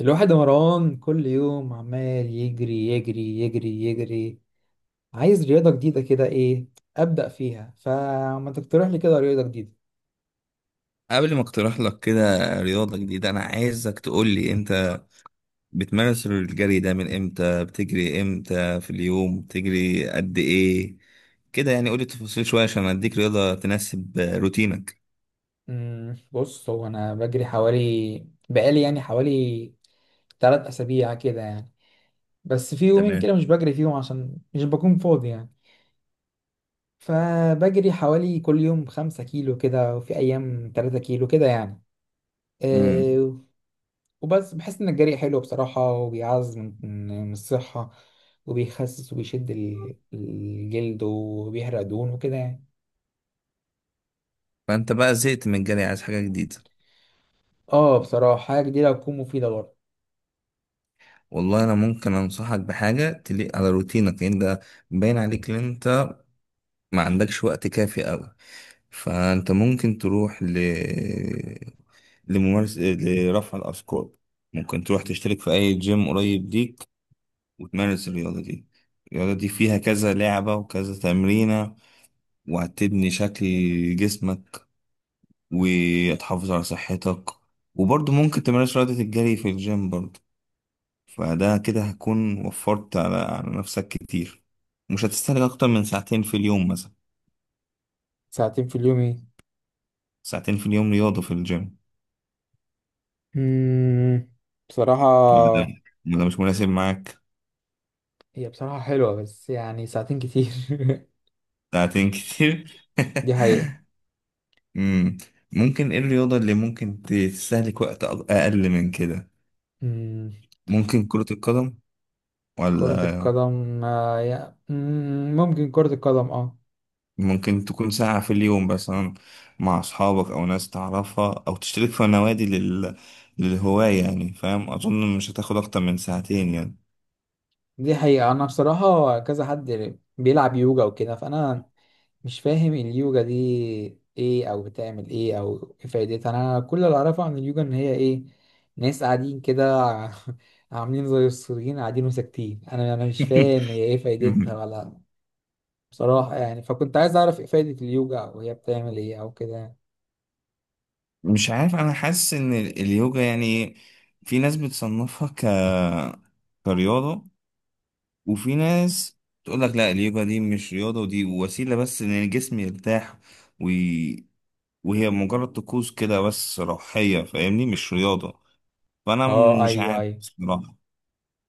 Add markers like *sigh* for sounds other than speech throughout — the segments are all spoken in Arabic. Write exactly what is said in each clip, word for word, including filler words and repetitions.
الواحد يا مروان كل يوم عمال يجري يجري يجري يجري، عايز رياضة جديدة كده. ايه أبدأ فيها؟ فما تقترح لي كده رياضة جديدة؟ قبل ما اقترح لك كده رياضة جديدة، أنا عايزك تقول لي: أنت بتمارس الجري ده من إمتى؟ بتجري إمتى في اليوم؟ بتجري قد إيه كده يعني؟ قول لي تفاصيل شوية عشان أديك رياضة تناسب روتينك. مم، بص، هو أنا بجري حوالي بقالي يعني حوالي تلات أسابيع كده يعني. بس في يومين كده تمام. مش بجري فيهم عشان مش بكون فاضي يعني. فبجري حوالي كل يوم خمسة كيلو كده، وفي أيام تلاتة كيلو كده يعني. امم. آه، وبس بحس إن الجري حلو بصراحة، وبيعز من من الصحة، وبيخسس وبيشد ال- الجلد، وبيحرق دهون وكده يعني. فأنت بقى زهقت من الجري، عايز حاجة جديدة؟ اه بصراحة، حاجة جديدة هتكون مفيدة برضه. والله أنا ممكن أنصحك بحاجة تليق على روتينك، لأن ده باين عليك إن أنت ما عندكش وقت كافي أوي. فأنت ممكن تروح ل لممارسة لرفع الأثقال. ممكن تروح تشترك في أي جيم قريب ليك وتمارس الرياضة دي. الرياضة دي فيها كذا لعبة وكذا تمرينة، وهتبني شكل جسمك وتحافظ على صحتك. وبرضه ممكن تمارس رياضة الجري في الجيم برضه. فده كده هتكون وفرت على على نفسك كتير. مش هتستهلك أكتر من ساعتين في اليوم مثلا. ساعتين في اليوم ايه؟ ساعتين في اليوم رياضة في الجيم. مم، ولا ده، بصراحة، ولا مش مناسب معاك؟ هي بصراحة حلوة، بس يعني ساعتين كتير. ساعتين *laughs* كتير *laughs* دي حقيقة. امم. ممكن ايه الرياضة اللي ممكن ت- تستهلك وقت أق- اقل من كده؟ مم، ممكن كرة القدم، كرة ولا القدم، آه، يا- مم، ممكن كرة القدم، اه. ممكن تكون ساعة في اليوم مثلا مع اصحابك او ناس تعرفها او تشترك في نوادي لل... للهواية يعني. فاهم؟ اظن مش هتاخد اكتر من ساعتين يعني. دي حقيقة. أنا بصراحة كذا حد بيلعب يوجا وكده، فأنا مش فاهم اليوجا دي ايه، او بتعمل ايه، او ايه فايدتها. انا كل اللي اعرفه عن اليوجا ان هي ايه، ناس قاعدين كده *laughs* عاملين زي السوريين قاعدين وساكتين. انا انا مش فاهم هي ايه فايدتها *laughs* ولا بصراحة يعني، فكنت عايز اعرف ايه فايدة اليوجا او هي بتعمل ايه او كده. مش عارف، انا حاسس ان ال- اليوجا يعني في ناس بتصنفها ك كرياضة، وفي ناس تقول لك: لا، اليوجا دي مش رياضة، ودي وسيلة بس ان الجسم يرتاح، وي... وهي مجرد طقوس كده بس روحية، فاهمني؟ مش رياضة. فانا م- اه، مش ايوه عارف ايوه. بصراحة.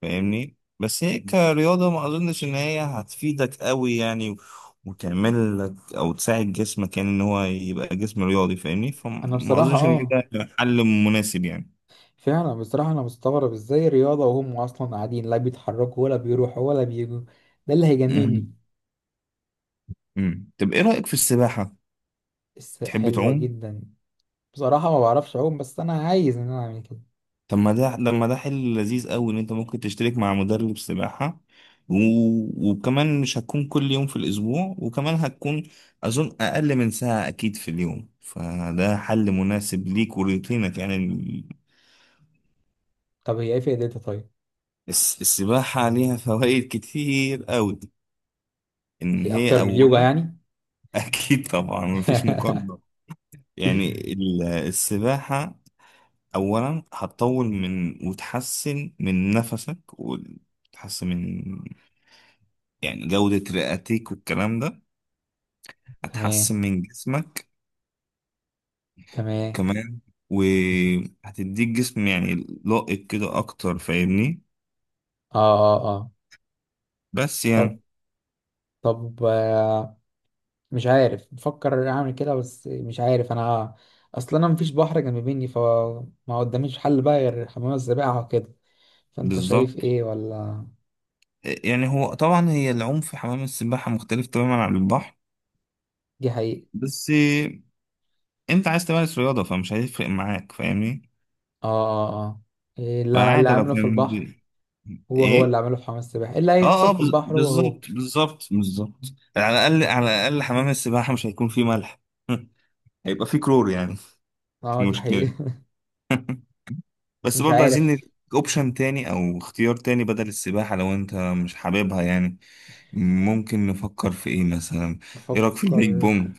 فاهمني؟ بس هي كرياضة ما اظنش ان هي هتفيدك قوي يعني، و- وتعمل لك او تساعد جسمك يعني، ان هو يبقى جسم رياضي، فاهمني؟ انا فما بصراحة اظنش ان اه، ده حل مناسب يعني. فعلا بصراحة انا مستغرب ازاي رياضة وهم اصلا قاعدين لا بيتحركوا ولا بيروحوا ولا بيجوا. ده اللي مهم. هيجنني. مم. طب ايه رأيك في السباحة؟ بس تحب حلوة تعوم؟ جدا. بصراحة ما بعرفش أعوم، بس أنا عايز إن أنا أعمل كده. طب ما ده، لما ده حل لذيذ قوي، ان انت ممكن تشترك مع مدرب سباحة، و... وكمان مش هتكون كل يوم في الاسبوع، وكمان هتكون اظن اقل من ساعة اكيد في اليوم. فده حل مناسب ليك ولروتينك يعني ال- طب هي إيه فائدتها طيب؟ الس... السباحة ليها فوائد كتير قوي. ان هي هي أكتر من اليوجا اولا يعني؟ *laughs* اكيد طبعا مفيش مقارنة. يعني *laughs* ال- السباحة اولا هتطول من، وتحسن من نفسك، وتحسن من يعني جودة رئتك والكلام ده، هتحسن تمام من جسمك تمام. كمان، وهتديك جسم يعني لائق كده أكتر، فاهمني؟ آه آه آه. بس طب. يعني. طب آه، مش عارف، بفكر أعمل كده بس مش عارف أنا. أصلا أنا مفيش بحر جنب مني، فما قداميش حل بقى غير حمام السباحة وكده. فأنت شايف بالظبط. إيه ولا؟ يعني هو طبعا هي العوم في حمام السباحة مختلف تماما عن البحر. دي حقيقة؟ بس أنت عايز تمارس رياضة فمش هيفرق معاك، فاهمني؟ آه آه آه. إيه اللي اللي فعادي لو عمله في كان البحر، بي- هو هو اللي إيه؟ عمله في حمام السباحة، إيه اللي اه، هيحصل اه، في بز- البحر؟ هو هو. بالظبط بالظبط، بالظبط. على الأقل على الأقل حمام السباحة مش هيكون فيه ملح *laughs* هيبقى فيه كلور يعني. آه دي مش مشكلة. حقيقة. *laughs* بس مش برضه عايزين عارف. نديك اوبشن تاني او اختيار تاني بدل السباحة لو انت مش حاببها يعني. ممكن نفكر في ايه مثلا؟ ايه رأيك في البيج بفكر. بونج؟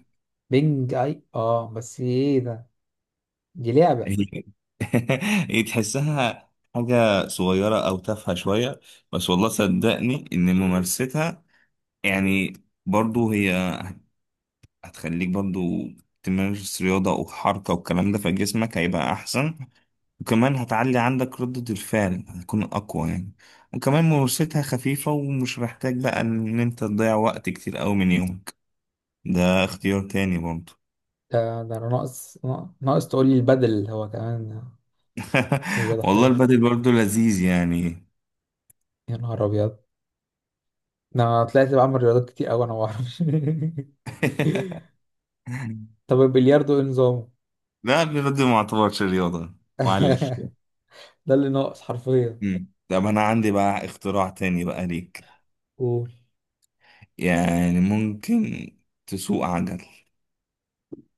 بينج اي، اه بس ايه ده؟ دي لعبة؟ *laughs* هي تحسها حاجة صغيرة او تافهة شوية، بس والله صدقني ان ممارستها يعني برضه هي هتخليك برضه تمارس رياضة وحركة والكلام ده، فجسمك هيبقى احسن. وكمان هتعلي عندك ردة الفعل، هتكون أقوى يعني. وكمان ممارستها خفيفة، ومش محتاج بقى إن أنت تضيع وقت كتير أوي من يومك. ده اختيار تاني برضه. ده ده انا ناقص، ناقص تقول لي البدل هو كمان. رياضة *laughs* والله حلوة. البادل برضه لذيذ يعني. يا نهار ابيض، ده انا طلعت بعمل رياضات كتير اوي انا ما اعرفش. *laughs* طب البلياردو ايه نظامه؟ لا، البادل ما اعتبرش رياضة. معلش. *laughs* ده اللي ناقص حرفيا. مم. طب أنا عندي بقى اختراع تاني بقى ليك. قول. يعني ممكن تسوق عجل،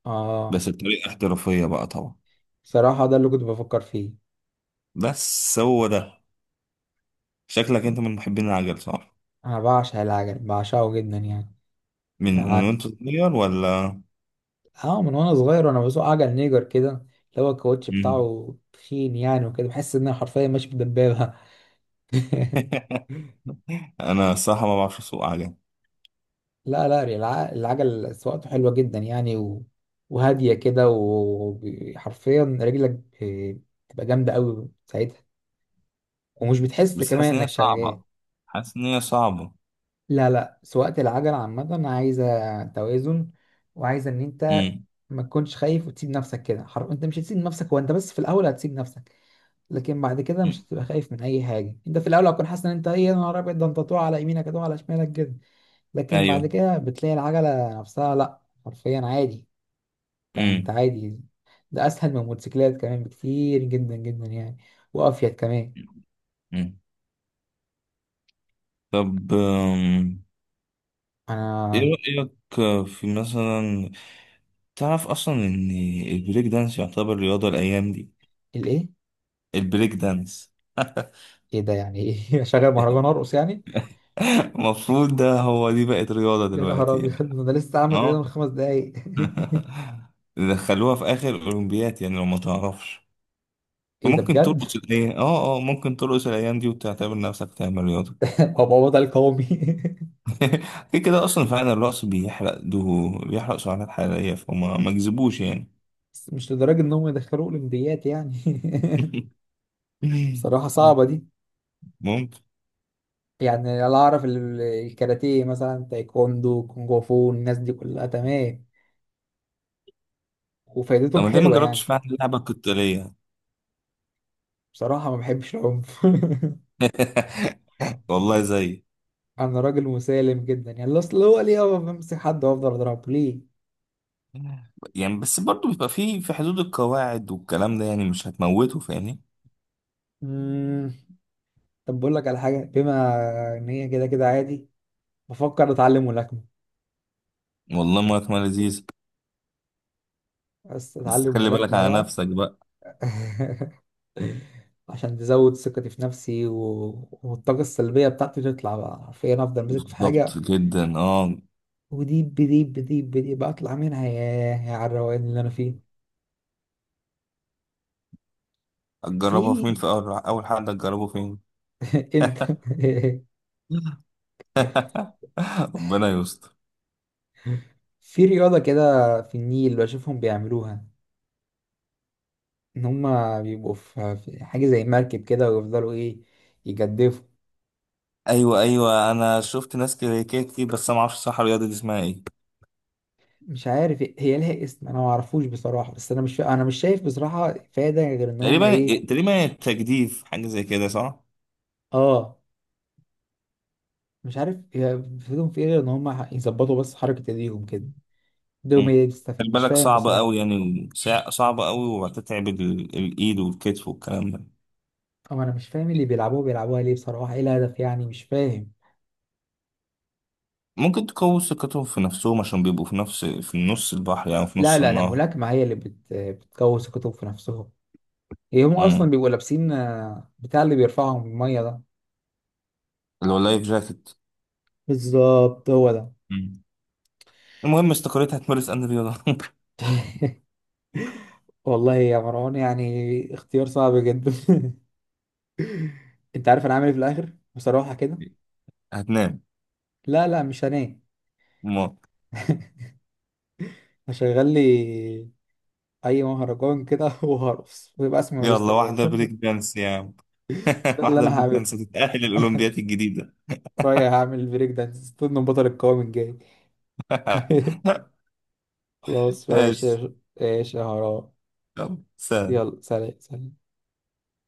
اه، بس بطريقة احترافية بقى طبعا. صراحة ده اللي كنت بفكر فيه. بس هو ده، شكلك أنت من محبين العجل صح؟ انا بعشق العجل، بعشقه جدا يعني. من من وانت صغير ولا؟ اه، من وانا صغير وانا بسوق عجل نيجر كده، اللي هو الكاوتش مم. بتاعه تخين يعني وكده، بحس ان انا حرفيا ماشي بدبابه. *laughs* *laughs* انا الصراحه ما بعرفش اسوق عجل. لا لا، الع- العجل سواقته حلوه جدا يعني. و... وهاديه كده، وحرفيا رجلك ب- بتبقى جامده قوي ساعتها، ومش بتحس بس كمان حاسس ان هي انك شغال. صعبه، حاسس ان هي صعبه. لا لا، سواقة العجل عامة عايزة توازن، وعايزة ان انت امم. ما تكونش خايف وتسيب نفسك كده حر... انت مش هتسيب نفسك، هو انت بس في الاول هتسيب نفسك، لكن بعد كده مش أمم. هتبقى خايف من اي حاجه. انت في الاول هتكون حاسس ان انت ايه، يا نهار ابيض، ده انت طوع على يمينك هتقع على شمالك كده، لكن بعد ايوه. كده بتلاقي العجله نفسها لا حرفيا عادي. انت انت امم. عادي. ده اسهل من الموتوسيكلات كمان بكتير، جدا جدا يعني. وافيد كمان. أمم. طب أم، ايه انا. رايك في مثلا، تعرف اصلا ان البريك دانس يعتبر رياضه الايام دي؟ الايه؟ البريك دانس. *laughs* ايه ده يعني ايه؟ *laughs* اشغل مهرجان ارقص يعني؟ المفروض ده هو، دي بقت رياضه يا نهار دلوقتي ابيض، يعني. ده انا لسه عامل رياضه من اه. خمس دقايق. *laughs* دخلوها في اخر اولمبيات يعني لو ما تعرفش. *laughs* ايه ده ممكن بجد؟ ترقص الايام اه، اه، ممكن ترقص الايام دي وتعتبر نفسك تعمل رياضه. *laughs* هبقى وضع القومي. *laughs* كده كده اصلا فعلا الرقص بيحرق، دهو بيحرق سعرات حراريه، فما ما كذبوش يعني. *laughs* بس مش لدرجه انهم يدخلوه اولمبيات يعني. *laughs* *laughs* بصراحه صعبه دي. ممكن. يعني، لا اعرف ال- الكاراتيه مثلا، تايكوندو، كونغ فو، الناس دي كلها تمام، طب وفايدتهم ما ليه ما حلوة جربتش يعني. فعلا اللعبه القتاليه؟ بصراحة ما بحبش العنف. *laughs* والله زي. *laughs* انا راجل مسالم جدا يعني. اصل هو ليه أقف بمسك حد وافضل اضربه ليه؟ يعني بس برضو بيبقى في في حدود القواعد والكلام ده، يعني مش هتموته، فاهمني؟ مم. طب بقول لك على حاجة. بما ان هي كده كده عادي، بفكر اتعلم ملاكمة. والله ما ما لذيذ. بس بس اتعلم خلي بالك ملاكمة على بقى. نفسك بقى. *laughs* عشان تزود ثقتي في نفسي، و... والطاقة السلبية بتاعتي تطلع بقى، حرفيا افضل ماسك في بالظبط حاجة جدا، اه. وديب بديب بديب بديب بطلع منها، ياه يا على الروقان اللي انا فيه. في. هتجربها في مين؟ في اول اول حد هتجربه فين؟ *laughs* انت. *laughs* *laughs* *laughs* ربنا يستر. في رياضة كده في النيل بشوفهم بيعملوها، ان هما بيبقوا في في حاجة زي مركب كده، ويفضلوا ايه، يجدفوا. ايوه، ايوه، انا شفت ناس كده كده كتير، بس انا ما اعرفش صح الرياضه دي اسمها ايه. مش عارف إيه، هي لها اسم انا ما اعرفوش بصراحة، بس انا مش فا... انا مش شايف بصراحة فايدة غير ان هما تقريبا ايه. تقريبا التجديف حاجه زي كده صح؟ اه، مش عارف هي فيهم في ايه غير ان هما يظبطوا بس حركة ايديهم كده. ايديهم مم. هي اللي بتستفيد. خلي مش بالك فاهم صعبه قوي بصراحة. يعني، سع- صعبه قوي، وهتتعب ال- الايد والكتف والكلام ده. طب انا مش فاهم اللي بيلعبوها بيلعبوها ليه بصراحه. ايه الهدف يعني مش فاهم. ممكن تقوي ثقتهم في نفسهم عشان بيبقوا في نفس في نص البحر، يعني في لا نص لا، ده النهر. الملاكمه هي اللي بت... بتكوس الكتب في نفسهم. هي هم امم. اصلا بيبقوا لابسين، آه، بتاع اللي بيرفعهم الميه ده. اللي هو اللايف جاكيت. بالظبط، هو ده. مم. المهم استقريت هتمارس ان رياضه *laughs* والله يا مروان يعني اختيار صعب جدا. *laughs* انت عارف انا عامل ايه في الاخر بصراحه كده؟ هتنام؟ لا لا مش هنام. مم. *laughs* هشغل لي اي مهرجان كده *laughs* وهرقص ويبقى اسمي مارس يلا واحده بريك رياضه. دانس يعني. *laughs* *laughs* ده اللي واحدة انا بريك هعمله. دانس هتتأهل الأولمبيات الجديدة. رايح هعمل بريك دانس طول من بطل القوام الجاي. *laughs* *laughs* خلاص، ماشي يا ماشي. ش- ماشي يا هراء. يلا سلام. يلا سلام سلام.